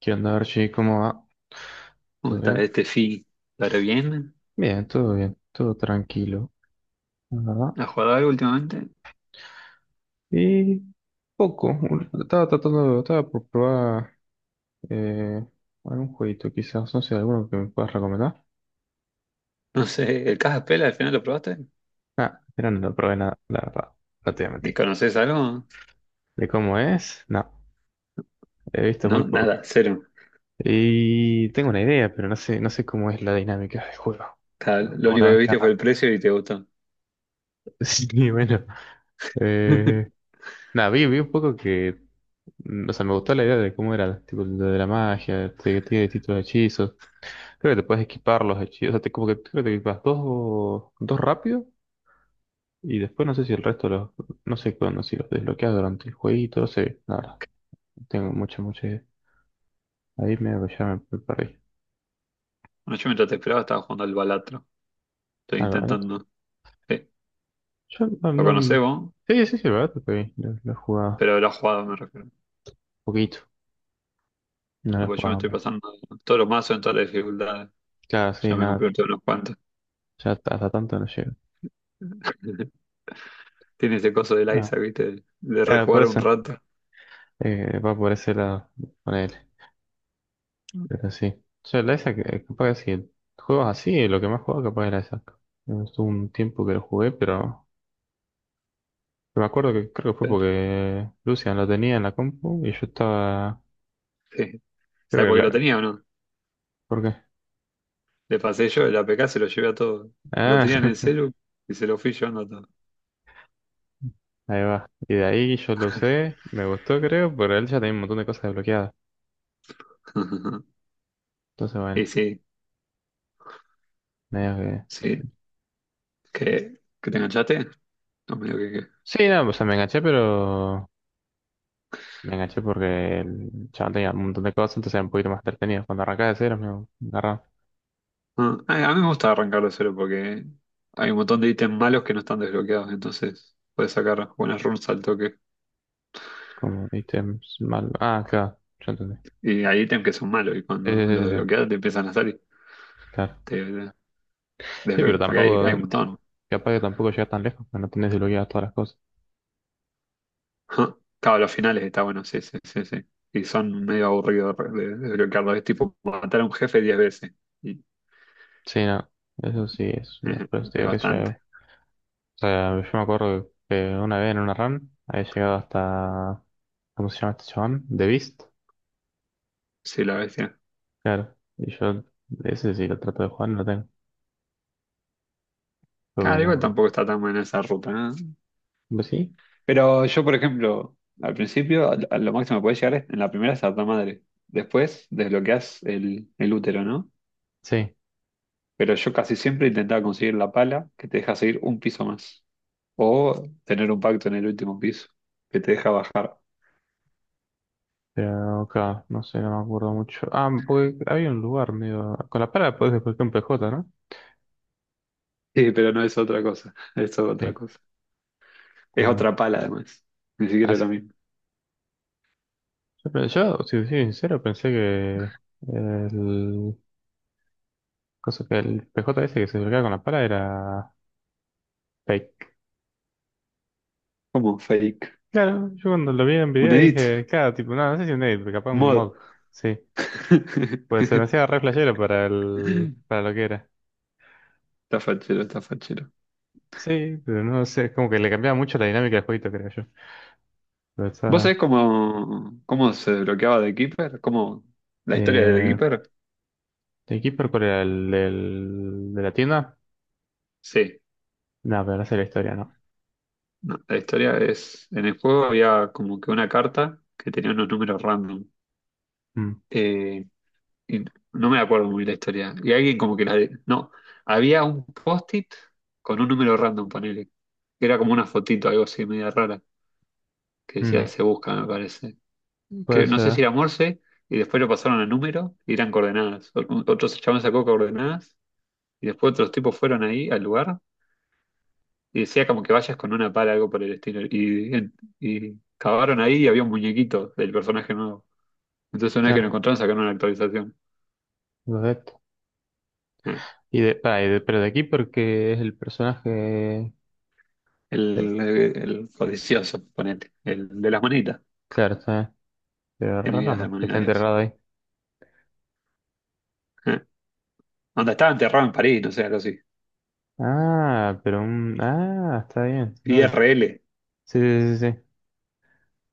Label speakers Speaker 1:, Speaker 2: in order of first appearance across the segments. Speaker 1: ¿Qué onda, Archie? ¿Cómo va?
Speaker 2: ¿Cómo
Speaker 1: ¿Todo
Speaker 2: está
Speaker 1: bien?
Speaker 2: este fin? ¿Estará bien?
Speaker 1: Bien, todo tranquilo, la verdad.
Speaker 2: ¿Has jugado algo últimamente?
Speaker 1: Y poco, estaba tratando, estaba por probar eh, algún jueguito quizás, no sé, alguno que me puedas recomendar.
Speaker 2: No sé, ¿el Caja al final lo probaste?
Speaker 1: Ah, pero no lo probé nada, la verdad, no te voy a
Speaker 2: ¿Y
Speaker 1: mentir.
Speaker 2: conoces algo?
Speaker 1: ¿De cómo es? No, he visto muy
Speaker 2: No,
Speaker 1: poco.
Speaker 2: nada, cero.
Speaker 1: Y tengo una idea, pero no sé, no sé cómo es la dinámica del juego.
Speaker 2: Lo único
Speaker 1: Una
Speaker 2: que
Speaker 1: vez que
Speaker 2: viste fue el
Speaker 1: arranque.
Speaker 2: precio y te gustó.
Speaker 1: Sí, bueno. Eh, nada, vi un poco que o sea, me gustó la idea de cómo era, tipo, lo de la magia, que tiene distintos hechizos. Creo que te puedes equipar los hechizos, o sea, te, como que creo que te equipas dos, dos rápido y después no sé si el resto los, no sé cuándo, si los desbloqueas durante el jueguito, no sé, la verdad, no tengo mucha idea. Ahí me, me perdí.
Speaker 2: Bueno, yo mientras te esperaba estaba jugando al Balatro. Estoy
Speaker 1: Ah, la verdad,
Speaker 2: intentando. Sí,
Speaker 1: yo
Speaker 2: lo conocés vos,
Speaker 1: sí, sí, sí, la verdad, te pedí, lo he jugado
Speaker 2: pero lo has jugado, me refiero.
Speaker 1: poquito, no lo
Speaker 2: Ah,
Speaker 1: he
Speaker 2: pues yo me
Speaker 1: jugado
Speaker 2: estoy
Speaker 1: mucho.
Speaker 2: pasando todos los mazos en todas las dificultades.
Speaker 1: Claro,
Speaker 2: Ya
Speaker 1: sí,
Speaker 2: me
Speaker 1: nada,
Speaker 2: compré todos unos cuantos.
Speaker 1: ya hasta tanto no llego.
Speaker 2: Tiene ese coso del
Speaker 1: Ah,
Speaker 2: Isaac, ¿viste? De
Speaker 1: claro, por
Speaker 2: rejugar un
Speaker 1: eso,
Speaker 2: rato.
Speaker 1: va por ese lado, ponele. Pero sí. O sea, la esa que capaz que si juegas así, lo que más jugaba capaz era esa. Estuvo un tiempo que lo jugué, pero me acuerdo que creo que fue
Speaker 2: Pero,
Speaker 1: porque Lucian lo tenía en la compu y yo estaba.
Speaker 2: sí. ¿Sabes
Speaker 1: Creo que
Speaker 2: por qué lo
Speaker 1: la.
Speaker 2: tenía o no?
Speaker 1: ¿Por qué?
Speaker 2: Le pasé yo el APK, se lo llevé a todo. Lo
Speaker 1: Ah,
Speaker 2: tenía en el celu y se lo fui llevando a todo.
Speaker 1: ahí va. Y de ahí yo lo usé, me gustó creo, pero él ya tenía un montón de cosas desbloqueadas. Entonces,
Speaker 2: Y
Speaker 1: bueno,
Speaker 2: sí,
Speaker 1: medio que.
Speaker 2: sí. ¿Qué? ¿Que te enganchaste? No, medio que qué.
Speaker 1: Sí, no, o sea, me enganché, pero me enganché porque el chaval tenía un montón de cosas, entonces era un poquito más entretenido. Cuando arrancaba de cero, me agarraba.
Speaker 2: Ah, a mí me gusta arrancarlo cero porque hay un montón de ítems malos que no están desbloqueados, entonces puedes sacar buenas runes al toque.
Speaker 1: Como ítems mal. Ah, claro, ya entendí.
Speaker 2: Y hay ítems que son malos y
Speaker 1: Sí, sí,
Speaker 2: cuando los
Speaker 1: sí, sí,
Speaker 2: desbloqueas te empiezan a salir.
Speaker 1: sí, claro.
Speaker 2: Te
Speaker 1: Sí, pero
Speaker 2: desbloqueas, porque hay
Speaker 1: tampoco,
Speaker 2: un montón.
Speaker 1: capaz que tampoco llegas tan lejos, que no tenés desbloqueadas todas las cosas.
Speaker 2: Ah, claro, los finales está bueno, sí, sí, sí, sí. Y son medio aburridos de desbloquearlos. Es tipo matar a un jefe 10 veces. Y
Speaker 1: Sí, no, eso sí es, por eso te
Speaker 2: Es
Speaker 1: digo que
Speaker 2: bastante.
Speaker 1: yo. O sea, yo me acuerdo que una vez en una run había llegado hasta, ¿cómo se llama este chabón? The Beast,
Speaker 2: Sí, la bestia.
Speaker 1: claro. Y yo, ese sí lo trato de jugar, no lo tengo. Creo que
Speaker 2: Claro, igual
Speaker 1: no.
Speaker 2: tampoco está tan buena esa ruta, ¿eh?
Speaker 1: ¿Pues sí?
Speaker 2: Pero yo, por ejemplo, al principio, a lo máximo que puedes llegar es en la primera es a madre. Después desbloqueas el útero, ¿no?
Speaker 1: Sí.
Speaker 2: Pero yo casi siempre intentaba conseguir la pala que te deja seguir un piso más. O tener un pacto en el último piso que te deja bajar.
Speaker 1: Pero, claro, no sé, no me acuerdo mucho. Ah, porque había un lugar medio, con la pala podés desbloquear un PJ, ¿no?
Speaker 2: Sí, pero no es otra cosa. Es otra
Speaker 1: Sí,
Speaker 2: cosa. Es
Speaker 1: está.
Speaker 2: otra pala, además. Ni siquiera es la misma.
Speaker 1: Yo, si te soy sincero, pensé que el, cosa que el PJ ese que se acercaba con la pala era fake.
Speaker 2: ¿Cómo? Fake.
Speaker 1: Claro, yo cuando lo vi en
Speaker 2: Un
Speaker 1: video
Speaker 2: edit.
Speaker 1: dije, claro, tipo, no, no sé si un edit, pero capaz un
Speaker 2: Mod.
Speaker 1: mod. Sí, pues se me hacía re flashero para, el, para lo que era.
Speaker 2: Está fachero, está fachero.
Speaker 1: Sí, pero no sé, es como que le cambiaba mucho la dinámica del jueguito, creo yo. Pero
Speaker 2: ¿Vos
Speaker 1: está.
Speaker 2: sabés cómo se desbloqueaba The Keeper? ¿Cómo, la historia de The
Speaker 1: Eh,
Speaker 2: Keeper?
Speaker 1: ¿El Keeper cuál era? ¿El del, de la tienda?
Speaker 2: Sí,
Speaker 1: No, pero no sé la historia, ¿no?
Speaker 2: no, la historia es, en el juego había como que una carta que tenía unos números random.
Speaker 1: Mm,
Speaker 2: Eh, y no me acuerdo muy bien la historia. Y alguien como que la... de- No, había un post-it con un número random, ponele, que era como una fotito, algo así, media rara, que decía
Speaker 1: mm,
Speaker 2: se busca, me parece.
Speaker 1: puede
Speaker 2: No sé si
Speaker 1: ser,
Speaker 2: era Morse, y después lo pasaron a número y eran coordenadas. Otros chavales sacó coordenadas. Y después otros tipos fueron ahí al lugar y decía como que vayas con una pala, algo por el estilo. Y cavaron ahí y había un muñequito del personaje nuevo. Entonces una vez que lo
Speaker 1: claro.
Speaker 2: encontraron sacaron una actualización. Eh,
Speaker 1: Y pero de aquí porque es el personaje. eh,
Speaker 2: El, el codicioso, ponete. El de las moneditas.
Speaker 1: claro, está. Pero
Speaker 2: Tiene vidas de
Speaker 1: raro que está
Speaker 2: monedas y eso.
Speaker 1: enterrado ahí.
Speaker 2: Eh, Onda, estaba enterrado en París, no sé, algo así.
Speaker 1: Ah, pero un. Ah, está bien. LOL.
Speaker 2: IRL,
Speaker 1: Sí, sí, sí, sí.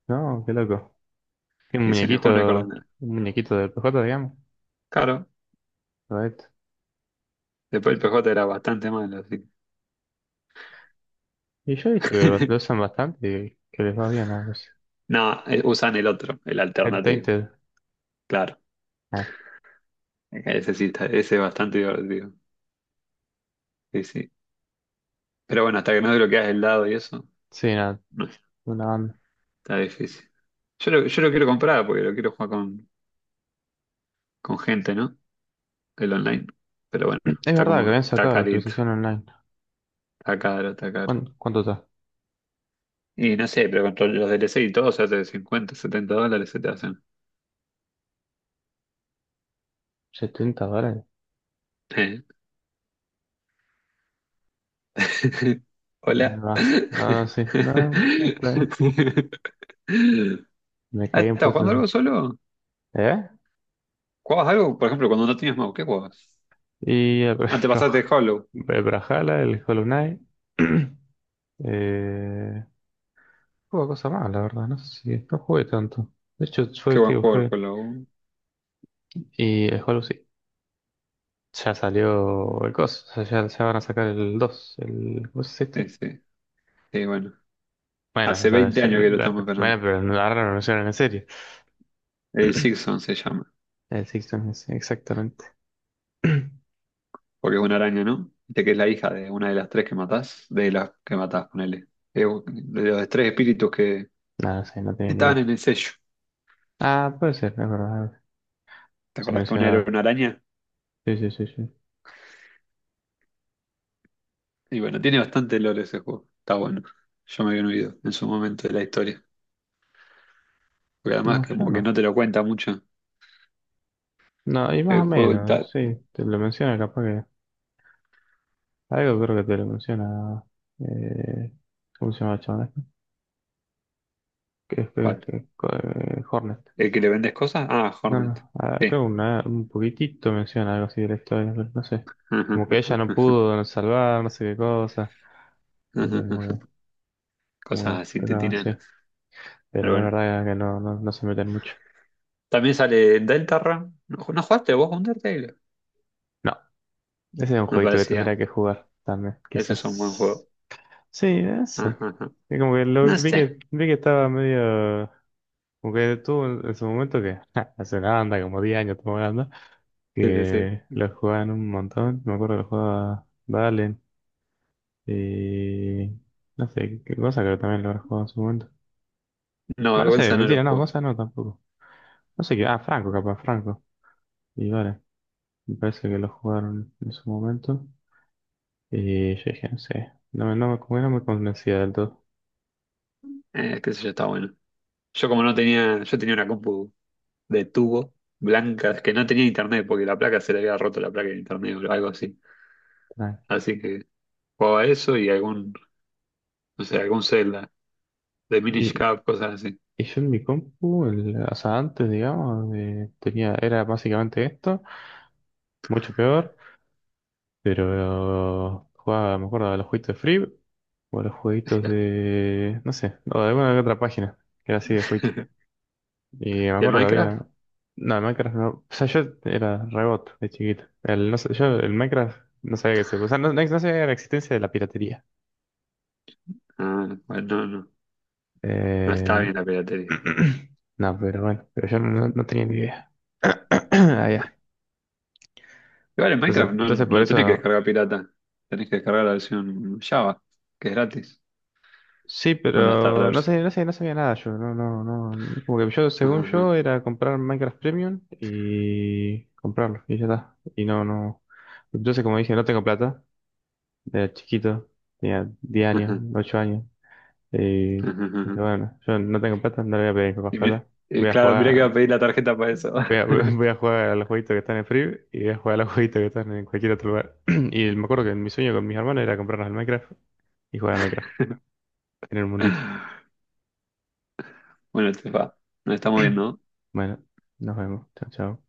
Speaker 1: No, qué loco. Qué
Speaker 2: dice en el juego no hay
Speaker 1: muñequito.
Speaker 2: coordenadas.
Speaker 1: Un muñequito del PJ, digamos.
Speaker 2: Claro,
Speaker 1: Correcto.
Speaker 2: después el PJ era bastante malo, así.
Speaker 1: Y yo he visto que lo usan bastante y que les va bien a veces.
Speaker 2: No, usan el otro, el
Speaker 1: El
Speaker 2: alternativo.
Speaker 1: Tainted.
Speaker 2: Claro,
Speaker 1: Ah,
Speaker 2: ese sí está, ese es bastante divertido. Sí, sí. Pero bueno, hasta que no desbloqueas el dado y eso,
Speaker 1: sí, nada.
Speaker 2: no,
Speaker 1: Una banda.
Speaker 2: está difícil. Yo lo quiero comprar porque lo quiero jugar con gente, ¿no? El online. Pero bueno,
Speaker 1: Es
Speaker 2: está
Speaker 1: verdad que
Speaker 2: como,
Speaker 1: habían
Speaker 2: está
Speaker 1: sacado la
Speaker 2: carito,
Speaker 1: actualización online.
Speaker 2: está caro, está caro.
Speaker 1: ¿Cuánto, cuánto está?
Speaker 2: Y no sé, pero con todos los DLC y todo se hace de 50, 70 dólares se te hacen.
Speaker 1: ¿70 dólares?
Speaker 2: Eh. Hola.
Speaker 1: Ahí va. No, no, sí. No, no, está bien. Me
Speaker 2: Ah,
Speaker 1: caí un
Speaker 2: ¿estás
Speaker 1: poco.
Speaker 2: jugando
Speaker 1: De-
Speaker 2: algo solo?
Speaker 1: ¿Eh?
Speaker 2: ¿Jugabas algo? Por ejemplo, cuando no tenías mouse, ¿qué jugabas?
Speaker 1: Y el
Speaker 2: Ah, te pasaste de Hollow.
Speaker 1: El Brawlhalla, el Hollow Knight. Eh, juego cosa más, la verdad. No sé si. No jugué tanto. De hecho, fue,
Speaker 2: Qué buen
Speaker 1: tío,
Speaker 2: juego el
Speaker 1: fue.
Speaker 2: Hollow.
Speaker 1: Y el Hollow sí. Ya salió el coso. O sea, ya van a sacar el 2 El, ¿cómo es esto?
Speaker 2: Sí, sí. Sí, bueno.
Speaker 1: Bueno, o
Speaker 2: Hace
Speaker 1: sea,
Speaker 2: 20 años que lo estamos esperando.
Speaker 1: bueno, pero ahora lo anunciaron en serio.
Speaker 2: El Sixon se llama,
Speaker 1: El Sixton es exactamente.
Speaker 2: porque es una araña, ¿no? Viste que es la hija de una de las tres que matás, de las que matás, ponele. De los tres espíritus que
Speaker 1: No, no sé, no tenía ni
Speaker 2: estaban
Speaker 1: idea.
Speaker 2: en el sello.
Speaker 1: Ah, puede ser, es verdad.
Speaker 2: ¿Te
Speaker 1: Se
Speaker 2: acordás que una era
Speaker 1: mencionaba.
Speaker 2: una araña?
Speaker 1: Sí, sí, sí, sí.
Speaker 2: Y bueno, tiene bastante lore ese juego. Está bueno. Yo me había olvidado en su momento de la historia. Porque además
Speaker 1: No, yo
Speaker 2: como que no
Speaker 1: no.
Speaker 2: te lo cuenta mucho.
Speaker 1: No, y más
Speaker 2: El
Speaker 1: o
Speaker 2: juego y
Speaker 1: menos,
Speaker 2: tal.
Speaker 1: sí, te lo menciona capaz que. Algo creo que te lo menciona. Eh, ¿Cómo se llama el chabón este? Que
Speaker 2: ¿Cuál?
Speaker 1: Hornet.
Speaker 2: ¿El que le vendes cosas? Ah,
Speaker 1: No,
Speaker 2: Hornet.
Speaker 1: no, ah,
Speaker 2: Sí.
Speaker 1: creo que un poquitito menciona algo así de la historia, pero no sé. Como que ella no pudo salvar, no sé qué cosa. Y que como, como
Speaker 2: Cosas
Speaker 1: que
Speaker 2: así te
Speaker 1: tocaba
Speaker 2: tiran.
Speaker 1: así. Pero
Speaker 2: Pero
Speaker 1: la
Speaker 2: bueno.
Speaker 1: verdad que no, no, no se meten mucho.
Speaker 2: También sale Deltarune. ¿No, no jugaste vos con Undertale?
Speaker 1: No, ese es un
Speaker 2: Me
Speaker 1: jueguito que
Speaker 2: parecía.
Speaker 1: tendría que jugar también,
Speaker 2: Ese es un buen
Speaker 1: quizás.
Speaker 2: juego.
Speaker 1: Sí, sí.
Speaker 2: Ajá, ajá.
Speaker 1: Es como que lo
Speaker 2: No sé.
Speaker 1: vi que estaba medio. Porque tú en su momento que hace una banda, como 10 años estamos hablando,
Speaker 2: Sí, sí,
Speaker 1: que
Speaker 2: sí.
Speaker 1: lo jugaban un montón. Me acuerdo que lo jugaba Valen y no sé, qué cosa creo que también lo habrá jugado en su momento.
Speaker 2: No,
Speaker 1: Bueno, no sé,
Speaker 2: vergüenza no lo
Speaker 1: mentira, no,
Speaker 2: juego.
Speaker 1: cosa no tampoco. No sé qué, ah, Franco, capaz, Franco. Y vale, me parece que lo jugaron en su momento. Y yo dije, no sé, no me, como que no me convencía del todo.
Speaker 2: Qué sé yo, está bueno. Yo como no tenía, yo tenía una compu de tubo blanca, que no tenía internet porque la placa se le había roto la placa de internet o algo así
Speaker 1: Tranqui.
Speaker 2: Así que jugaba eso y no sé, algún Zelda de Minish
Speaker 1: Y,
Speaker 2: Cap, cosas así.
Speaker 1: y yo en mi compu, o sea, antes, digamos, tenía, era básicamente esto mucho peor. Pero jugaba, me acuerdo, a los jueguitos de Free o a los jueguitos de, no sé, o de alguna que otra página que era así de jueguito. Y me
Speaker 2: ¿Y el
Speaker 1: acuerdo que
Speaker 2: Minecraft?
Speaker 1: había, no, el Minecraft no, o sea, yo era rebot de chiquito. El, no sé, yo el Minecraft no sabía que se, o sea, no no sabía la existencia de la piratería.
Speaker 2: Ah, bueno, no, no. No está
Speaker 1: Eh,
Speaker 2: bien la piratería.
Speaker 1: no, pero bueno, pero yo no, no tenía ni idea. Ah, ya.
Speaker 2: Igual en
Speaker 1: Entonces,
Speaker 2: Minecraft no,
Speaker 1: entonces
Speaker 2: no
Speaker 1: por
Speaker 2: lo tenés que
Speaker 1: eso.
Speaker 2: descargar pirata. Tenés que descargar la versión Java, que es gratis.
Speaker 1: Sí,
Speaker 2: ¿Dónde está la
Speaker 1: pero no
Speaker 2: versión?
Speaker 1: sé, no sé, no sabía nada yo, no, no, no. Como que yo, según
Speaker 2: Ajá,
Speaker 1: yo, era comprar Minecraft Premium y comprarlo, y ya está. Y no, no. Entonces, como dije, no tengo plata, era chiquito, tenía 10 años,
Speaker 2: ajá,
Speaker 1: 8 años. Y
Speaker 2: ajá, ajá,
Speaker 1: dije,
Speaker 2: ajá.
Speaker 1: bueno, yo no tengo plata, no le voy a pedir a mis papás
Speaker 2: Y
Speaker 1: plata. Voy a
Speaker 2: claro, mirá que va
Speaker 1: jugar,
Speaker 2: a pedir la tarjeta para eso.
Speaker 1: voy a, voy a jugar a los jueguitos que están en Free y voy a jugar a los jueguitos que están en cualquier otro lugar. Y me acuerdo que mi sueño con mis hermanos era comprarnos el Minecraft y jugar al Minecraft en el mundito.
Speaker 2: Bueno, este, nos estamos viendo.
Speaker 1: Bueno, nos vemos. Chao, chao.